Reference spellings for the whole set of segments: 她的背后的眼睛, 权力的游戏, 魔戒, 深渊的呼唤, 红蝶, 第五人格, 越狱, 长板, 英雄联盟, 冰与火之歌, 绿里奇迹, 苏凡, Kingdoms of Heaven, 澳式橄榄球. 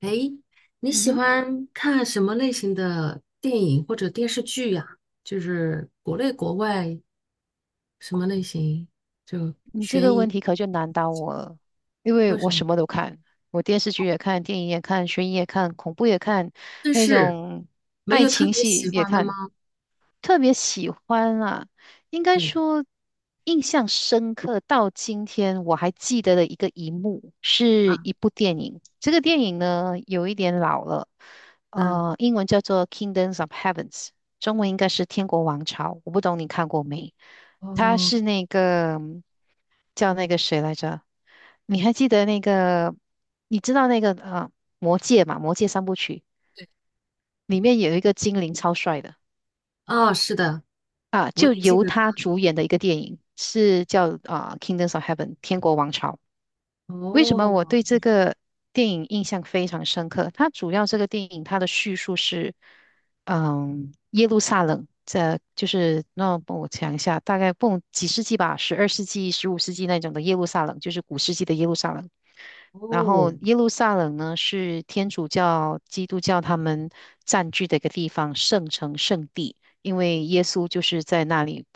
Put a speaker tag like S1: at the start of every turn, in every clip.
S1: 诶，你
S2: 嗯
S1: 喜
S2: 哼，
S1: 欢看什么类型的电影或者电视剧呀？就是国内国外什么类型？就
S2: 你这
S1: 悬
S2: 个问
S1: 疑，
S2: 题可就难倒我了，因为
S1: 为
S2: 我
S1: 什么？
S2: 什么都看，我电视剧也看，电影也看，悬疑也看，恐怖也看，
S1: 但
S2: 那
S1: 是
S2: 种
S1: 没
S2: 爱
S1: 有特
S2: 情
S1: 别
S2: 戏
S1: 喜
S2: 也
S1: 欢的
S2: 看。
S1: 吗？
S2: 特别喜欢啊，应该
S1: 对
S2: 说印象深刻到今天我还记得的一幕，是
S1: 啊，
S2: 一部电影。这个电影呢有一点老了，
S1: 嗯，
S2: 英文叫做《Kingdoms of Heavens》，中文应该是《天国王朝》。我不懂你看过没？它
S1: 哦，
S2: 是那个叫那个谁来着？你还记得那个？你知道那个《魔戒》嘛，《魔戒》三部曲里面有一个精灵超帅的。
S1: 哦，是的，
S2: 啊，
S1: 我
S2: 就
S1: 也记
S2: 由
S1: 得他。
S2: 他主演的一个电影，是叫啊《Kingdoms of Heaven》天国王朝。为什么我
S1: 哦，
S2: 对这个电影印象非常深刻？它主要这个电影它的叙述是，嗯，耶路撒冷这就是那我讲一下，大概不几世纪吧，十二世纪、十五世纪那种的耶路撒冷，就是古世纪的耶路撒冷。然
S1: 哦，
S2: 后耶路撒冷呢，是天主教、基督教他们占据的一个地方，圣城、圣地，因为耶稣就是在那里，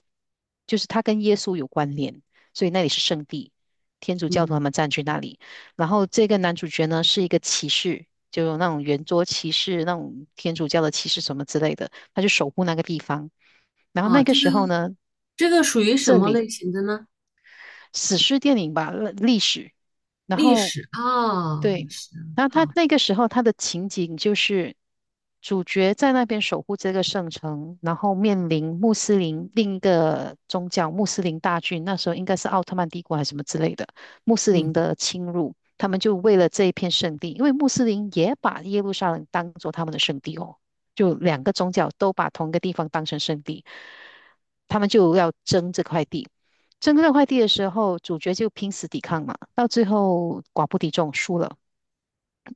S2: 就是他跟耶稣有关联，所以那里是圣地。天主教徒
S1: 嗯，
S2: 他们占据那里。然后这个男主角呢，是一个骑士，就有那种圆桌骑士、那种天主教的骑士什么之类的，他就守护那个地方。然后
S1: 啊，
S2: 那个
S1: 这个
S2: 时候呢，
S1: 这个属于什
S2: 这
S1: 么
S2: 里
S1: 类型的呢？
S2: 史诗电影吧，历史。然
S1: 历
S2: 后
S1: 史啊，
S2: 对，
S1: 是
S2: 然后
S1: 好，
S2: 他那个时候他的情景就是主角在那边守护这个圣城，然后面临穆斯林另一个宗教穆斯林大军，那时候应该是奥特曼帝国还是什么之类的穆斯林
S1: 嗯，
S2: 的侵入，他们就为了这一片圣地，因为穆斯林也把耶路撒冷当做他们的圣地哦，就两个宗教都把同一个地方当成圣地，他们就要争这块地。争这块地的时候，主角就拼死抵抗嘛，到最后寡不敌众，输了。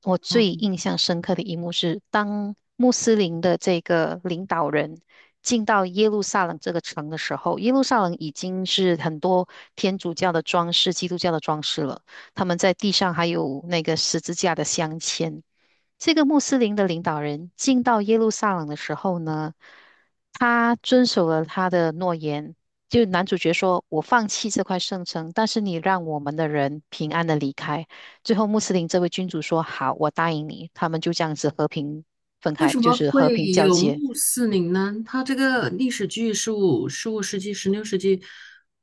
S2: 我最
S1: 哦。
S2: 印象深刻的一幕是，当穆斯林的这个领导人进到耶路撒冷这个城的时候，耶路撒冷已经是很多天主教的装饰、基督教的装饰了。他们在地上还有那个十字架的镶嵌。这个穆斯林的领导人进到耶路撒冷的时候呢，他遵守了他的诺言。就男主角说：“我放弃这块圣城，但是你让我们的人平安的离开。”最后穆斯林这位君主说：“好，我答应你。”他们就这样子和平分
S1: 为
S2: 开，
S1: 什
S2: 就
S1: 么
S2: 是和
S1: 会
S2: 平交
S1: 有
S2: 接。
S1: 穆斯林呢？它这个历史剧十五世纪、十六世纪，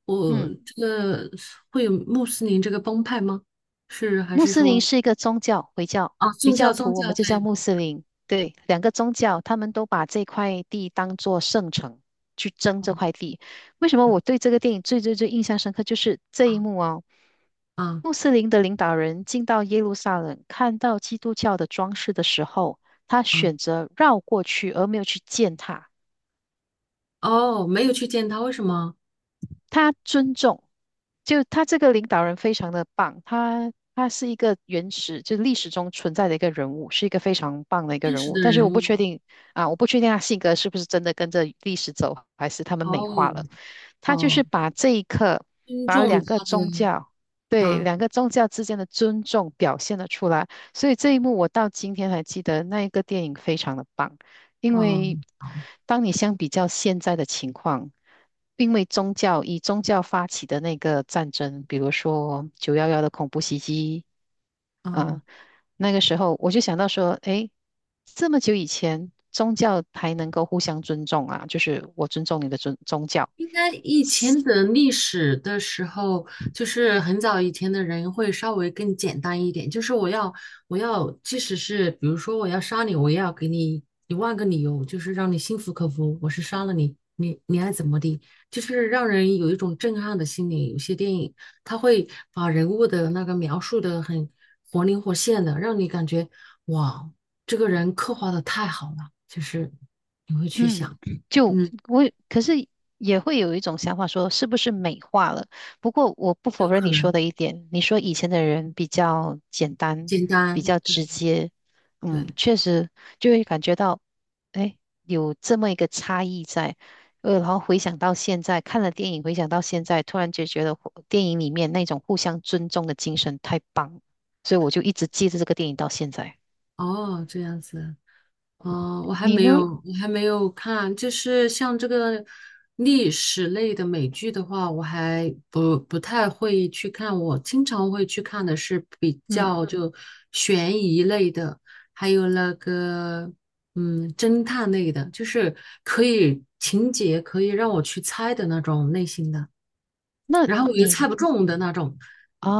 S1: 我
S2: 嗯，
S1: 这个会有穆斯林这个帮派吗？是还
S2: 穆
S1: 是
S2: 斯林
S1: 说
S2: 是一个宗教，回教，
S1: 啊，
S2: 回
S1: 宗教
S2: 教
S1: 宗
S2: 徒我
S1: 教
S2: 们就
S1: 对
S2: 叫穆斯林。对，两个宗教，他们都把这块地当做圣城去争这
S1: 帮
S2: 块地。为什么我对这个电影最印象深刻，就是这一幕哦。
S1: 派啊
S2: 穆斯林的领导人进到耶路撒冷，看到基督教的装饰的时候，他
S1: 啊
S2: 选择绕过去，而没有去践踏。
S1: 哦，没有去见他，为什么？
S2: 他尊重，就他这个领导人非常的棒，他是一个原始，就历史中存在的一个人物，是一个非常棒的一个
S1: 真
S2: 人
S1: 实
S2: 物。
S1: 的
S2: 但是
S1: 人
S2: 我
S1: 物
S2: 不确
S1: 吗？
S2: 定啊，我不确定他性格是不是真的跟着历史走，还是他们美化
S1: 哦
S2: 了。他就
S1: 哦，
S2: 是把这一刻，
S1: 尊
S2: 把
S1: 重
S2: 两个
S1: 他
S2: 宗
S1: 的
S2: 教，对，
S1: 啊
S2: 两个宗教之间的尊重表现了出来。所以这一幕我到今天还记得，那一个电影非常的棒。因为
S1: 啊
S2: 当你相比较现在的情况，因为宗教以宗教发起的那个战争，比如说九幺幺的恐怖袭击
S1: 啊，
S2: 啊，那个时候我就想到说，诶，这么久以前，宗教还能够互相尊重啊，就是我尊重你的尊宗教，
S1: 应该以前的历史的时候，就是很早以前的人会稍微更简单一点，就是我要，即使是比如说我要杀你，我也要给你一万个理由，就是让你心服口服，我是杀了你，你爱怎么的，就是让人有一种震撼的心理。有些电影它会把人物的那个描述的很活灵活现的，让你感觉哇，这个人刻画的太好了，就是你会去
S2: 嗯，
S1: 想，
S2: 就
S1: 嗯，
S2: 我可是也会有一种想法说，是不是美化了？不过我不
S1: 有
S2: 否认
S1: 可
S2: 你说
S1: 能。
S2: 的一点，你说以前的人比较简单，
S1: 简
S2: 比
S1: 单，
S2: 较
S1: 对
S2: 直接，嗯，
S1: 对，
S2: 确实就会感觉到，哎，有这么一个差异在。然后回想到现在，看了电影，回想到现在，突然就觉得互电影里面那种互相尊重的精神太棒了，所以我就一直记着这个电影到现在。
S1: 哦，这样子，哦，
S2: 你呢？
S1: 我还没有看，就是像这个历史类的美剧的话，我还不太会去看，我经常会去看的是比
S2: 嗯，
S1: 较就悬疑类的，还有那个侦探类的，就是可以情节可以让我去猜的那种类型的，
S2: 那
S1: 然后我又猜
S2: 你
S1: 不中的那种，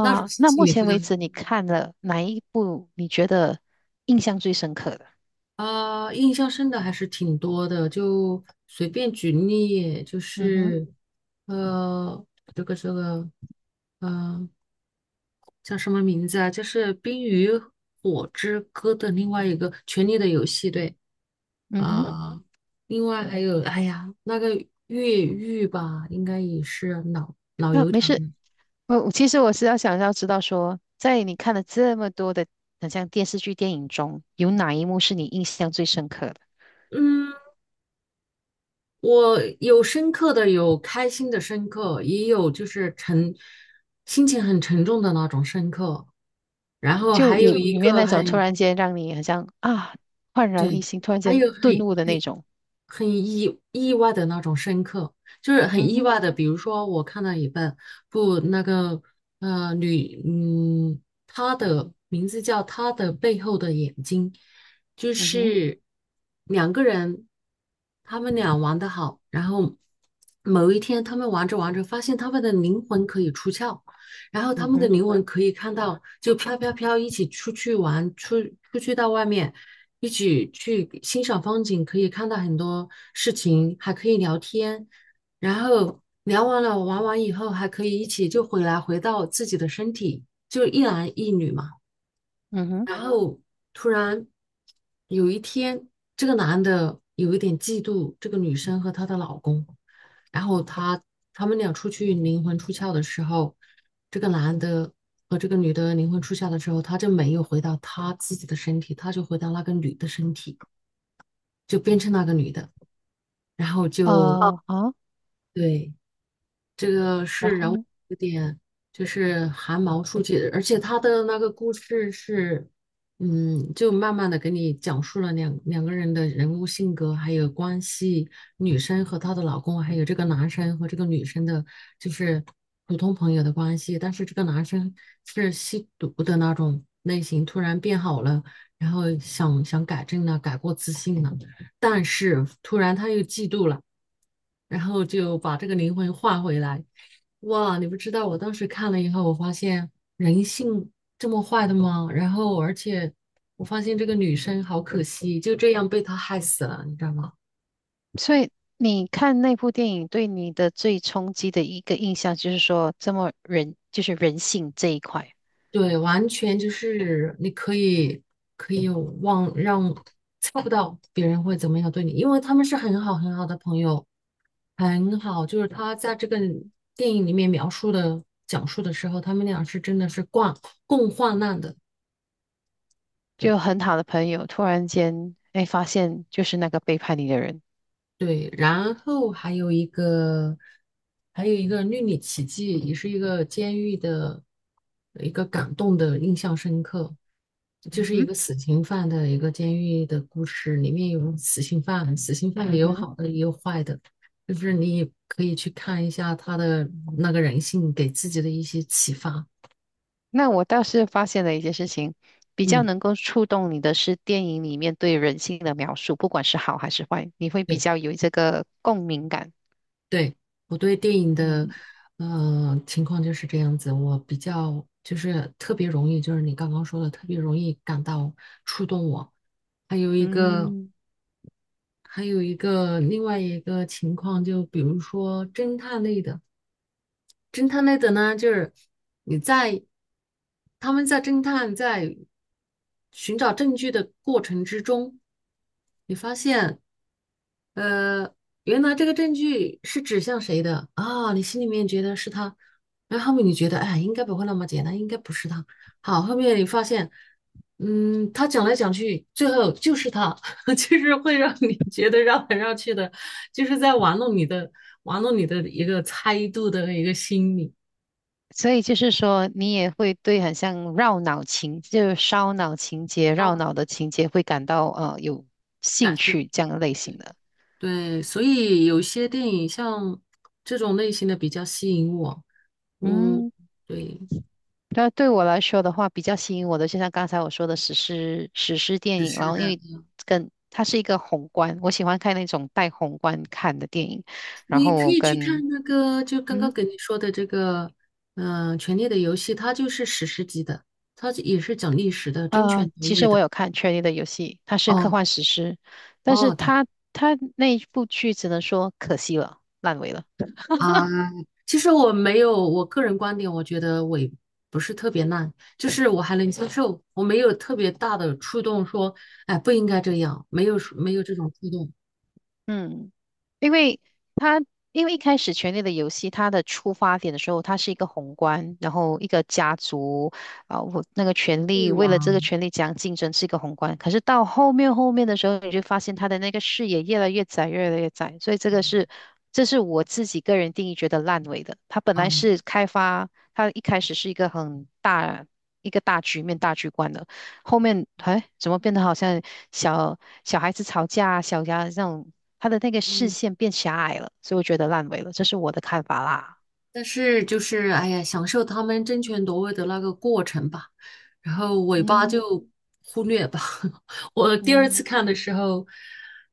S1: 那种事
S2: 那
S1: 情
S2: 目
S1: 你
S2: 前
S1: 知道
S2: 为
S1: 吗？
S2: 止你看了哪一部你觉得印象最深刻的？
S1: 啊，印象深的还是挺多的，就随便举例，就
S2: 嗯哼，
S1: 是呃，这个，呃，叫什么名字啊？就是《冰与火之歌》的另外一个《权力的游戏》，对
S2: 嗯哼，
S1: 啊，另外还有，哎呀，那个越狱吧，应该也是老
S2: 那、
S1: 油
S2: 没
S1: 条了，
S2: 事。我其实是要想要知道说，在你看了这么多的很像电视剧、电影中，有哪一幕是你印象最深刻的？
S1: 嗯，我有深刻的，有开心的深刻，也有就是沉，心情很沉重的那种深刻。然后
S2: 就
S1: 还有就
S2: 有
S1: 一比
S2: 有没有
S1: 个如
S2: 那种
S1: 很呢
S2: 突然间让你好像啊焕然一
S1: 对，
S2: 新，突然
S1: 还
S2: 间
S1: 有
S2: 顿悟的那
S1: 很
S2: 种？
S1: 很意外的那种深刻，就是很
S2: 嗯
S1: 意
S2: 哼，
S1: 外的。比如说，我看到一本不那个女，她的名字叫《她的背后的眼睛》，就
S2: 嗯哼，
S1: 是两个人，他们俩玩的好，然后某一天他们玩着玩着，发现他们的灵魂可以出窍。然后他
S2: 嗯
S1: 们的
S2: 哼，
S1: 灵魂可以看到，就飘飘飘一起出去玩，出去到外面，一起去欣赏风景，可以看到很多事情，还可以聊天，然后聊完了玩完以后，还可以一起就回来回到自己的身体，就一男一女嘛。
S2: 嗯哼，
S1: 然后突然有一天，这个男的有一点嫉妒这个女生和她的老公，然后他们俩出去灵魂出窍的时候，这个男的和这个女的灵魂出窍的时候，他就没有回到他自己的身体，他就回到那个女的身体，就变成那个女的，然后就哦，
S2: 啊好，
S1: 对，这个
S2: 然
S1: 是
S2: 后
S1: 人物
S2: 呢？
S1: 有点就是寒毛竖起，而且他的那个故事是，嗯，就慢慢的给你讲述了两个人的人物性格还有关系，女生和她的老公，还有这个男生和这个女生的，就是普通朋友的关系。但是这个男生是吸毒的那种类型，突然变好了，然后想想改正了，改过自新了，但是突然他又嫉妒了。然后就把这个灵魂换回来。哇，你不知道，我当时看了以后，我发现人性这么坏的吗？然后，而且我发现这个女生好可惜，就这样被他害死了，你知道吗？
S2: 所以你看那部电影对你的最冲击的一个印象，就是说这么人，就是人性这一块，
S1: 对，完全就是你可以忘让猜不到别人会怎么样对你，因为他们是很好很好的朋友，很好。就是他在这个电影里面描述的讲述的时候，他们俩是真的是共患难的。对。
S2: 就很好的朋友突然间，哎，发现就是那个背叛你的人。
S1: 对，然后还有一个，还有一个《绿里奇迹》，也是一个监狱的一个感动的印象深刻，就
S2: 嗯
S1: 是一
S2: 哼，
S1: 个死刑犯的一个监狱的故事，里面有死刑犯，死刑犯也
S2: 嗯
S1: 有
S2: 哼，
S1: 好的也有坏的，就是你也可以去看一下他的那个人性给自己的一些启发。
S2: 那我倒是发现了一件事情，比较
S1: 嗯，
S2: 能够触动你的是电影里面对人性的描述，不管是好还是坏，你会比
S1: 对。
S2: 较有这个共鸣感。
S1: 对，我对电影的，
S2: 嗯，
S1: 情况就是这样子。我比较就是特别容易，就是你刚刚说的，特别容易感到触动我。还有一个，
S2: 嗯。
S1: 还有一个另外一个情况，就比如说侦探类的。侦探类的呢，就是你在他们在侦探在寻找证据的过程之中，你发现，呃，原来这个证据是指向谁的啊？你心里面觉得是他，然后后面你觉得，哎，应该不会那么简单，应该不是他。好，后面你发现，嗯，他讲来讲去，最后就是他，就是会让你觉得绕来绕去的，就是在玩弄你的一个猜度的一个心理，
S2: 所以就是说，你也会对很像绕脑情，就是烧脑情节、绕
S1: 超
S2: 脑的情节会感到有
S1: 感
S2: 兴
S1: 兴
S2: 趣这
S1: 趣。
S2: 样类型的。
S1: 对，所以有些电影像这种类型的比较吸引我，嗯，
S2: 嗯，
S1: 对。
S2: 那对我来说的话，比较吸引我的，就像刚才我说的史诗电影，然
S1: 是
S2: 后因
S1: 的，
S2: 为跟它是一个宏观，我喜欢看那种带宏观看的电影，然
S1: 你可
S2: 后
S1: 以去
S2: 跟
S1: 看那个，就刚刚
S2: 嗯
S1: 给你说的这个，权力的游戏》，它就是史诗级的，它也是讲历史的，争权夺
S2: 其
S1: 位
S2: 实我
S1: 的。
S2: 有看《权力的游戏》，它是科
S1: 哦
S2: 幻史诗，但是
S1: 哦，对，
S2: 它那一部剧只能说可惜了，烂尾了。
S1: 啊，其实我没有，我个人观点，我觉得我也不是特别烂，就是我还能接受，我没有特别大的触动说，哎，不应该这样，没有没有这种触动，
S2: 嗯，因为他因为一开始《权力的游戏》它的出发点的时候，它是一个宏观，然后一个家族啊，我那个权
S1: 欲
S2: 力为
S1: 望
S2: 了这个
S1: 啊，
S2: 权力讲竞争是一个宏观，可是到后面的时候，你就发现他的那个视野越来越窄，越来越窄，所以这个是
S1: 嗯
S2: 这是我自己个人定义觉得烂尾的。它本来是开发，它一开始是一个很大一个大局面大局观的。后面哎，怎么变得好像小小孩子吵架、小家这种，他的那个视
S1: 嗯。
S2: 线变狭隘了，所以我觉得烂尾了，这是我的看法啦。
S1: 但是就是哎呀，享受他们争权夺位的那个过程吧，然后尾巴
S2: 嗯
S1: 就忽略吧。我第二次
S2: 嗯
S1: 看的时候，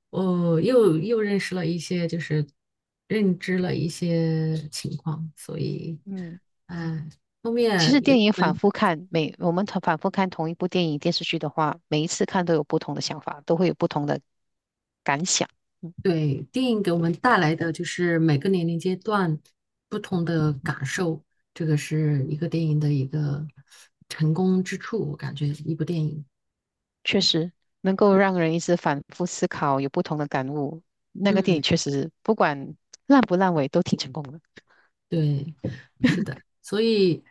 S1: 我又认识了一些，就是认知了一些情况，所以，
S2: 嗯，
S1: 哎，后
S2: 其
S1: 面
S2: 实
S1: 有
S2: 电影
S1: 我
S2: 反
S1: 们
S2: 复看，每我们同反复看同一部电影电视剧的话，每一次看都有不同的想法，都会有不同的感想。嗯，
S1: 对电影给我们带来的就是每个年龄阶段不同的感受，这个是一个电影的一个成功之处，我感觉一部电影，
S2: 确实能够让人一直反复思考，有不同的感悟。那个电影
S1: 嗯。
S2: 确实不管烂不烂尾都挺成功的。
S1: 对，是的，所以，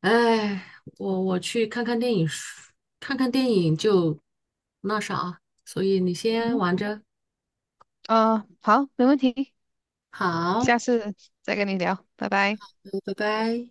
S1: 哎，我去看看电影，看看电影就那啥，所以你
S2: 嗯
S1: 先
S2: 哼，
S1: 玩着，
S2: 啊、好，没问题。
S1: 好，
S2: 下次再跟你聊，拜拜。
S1: 嗯，拜拜。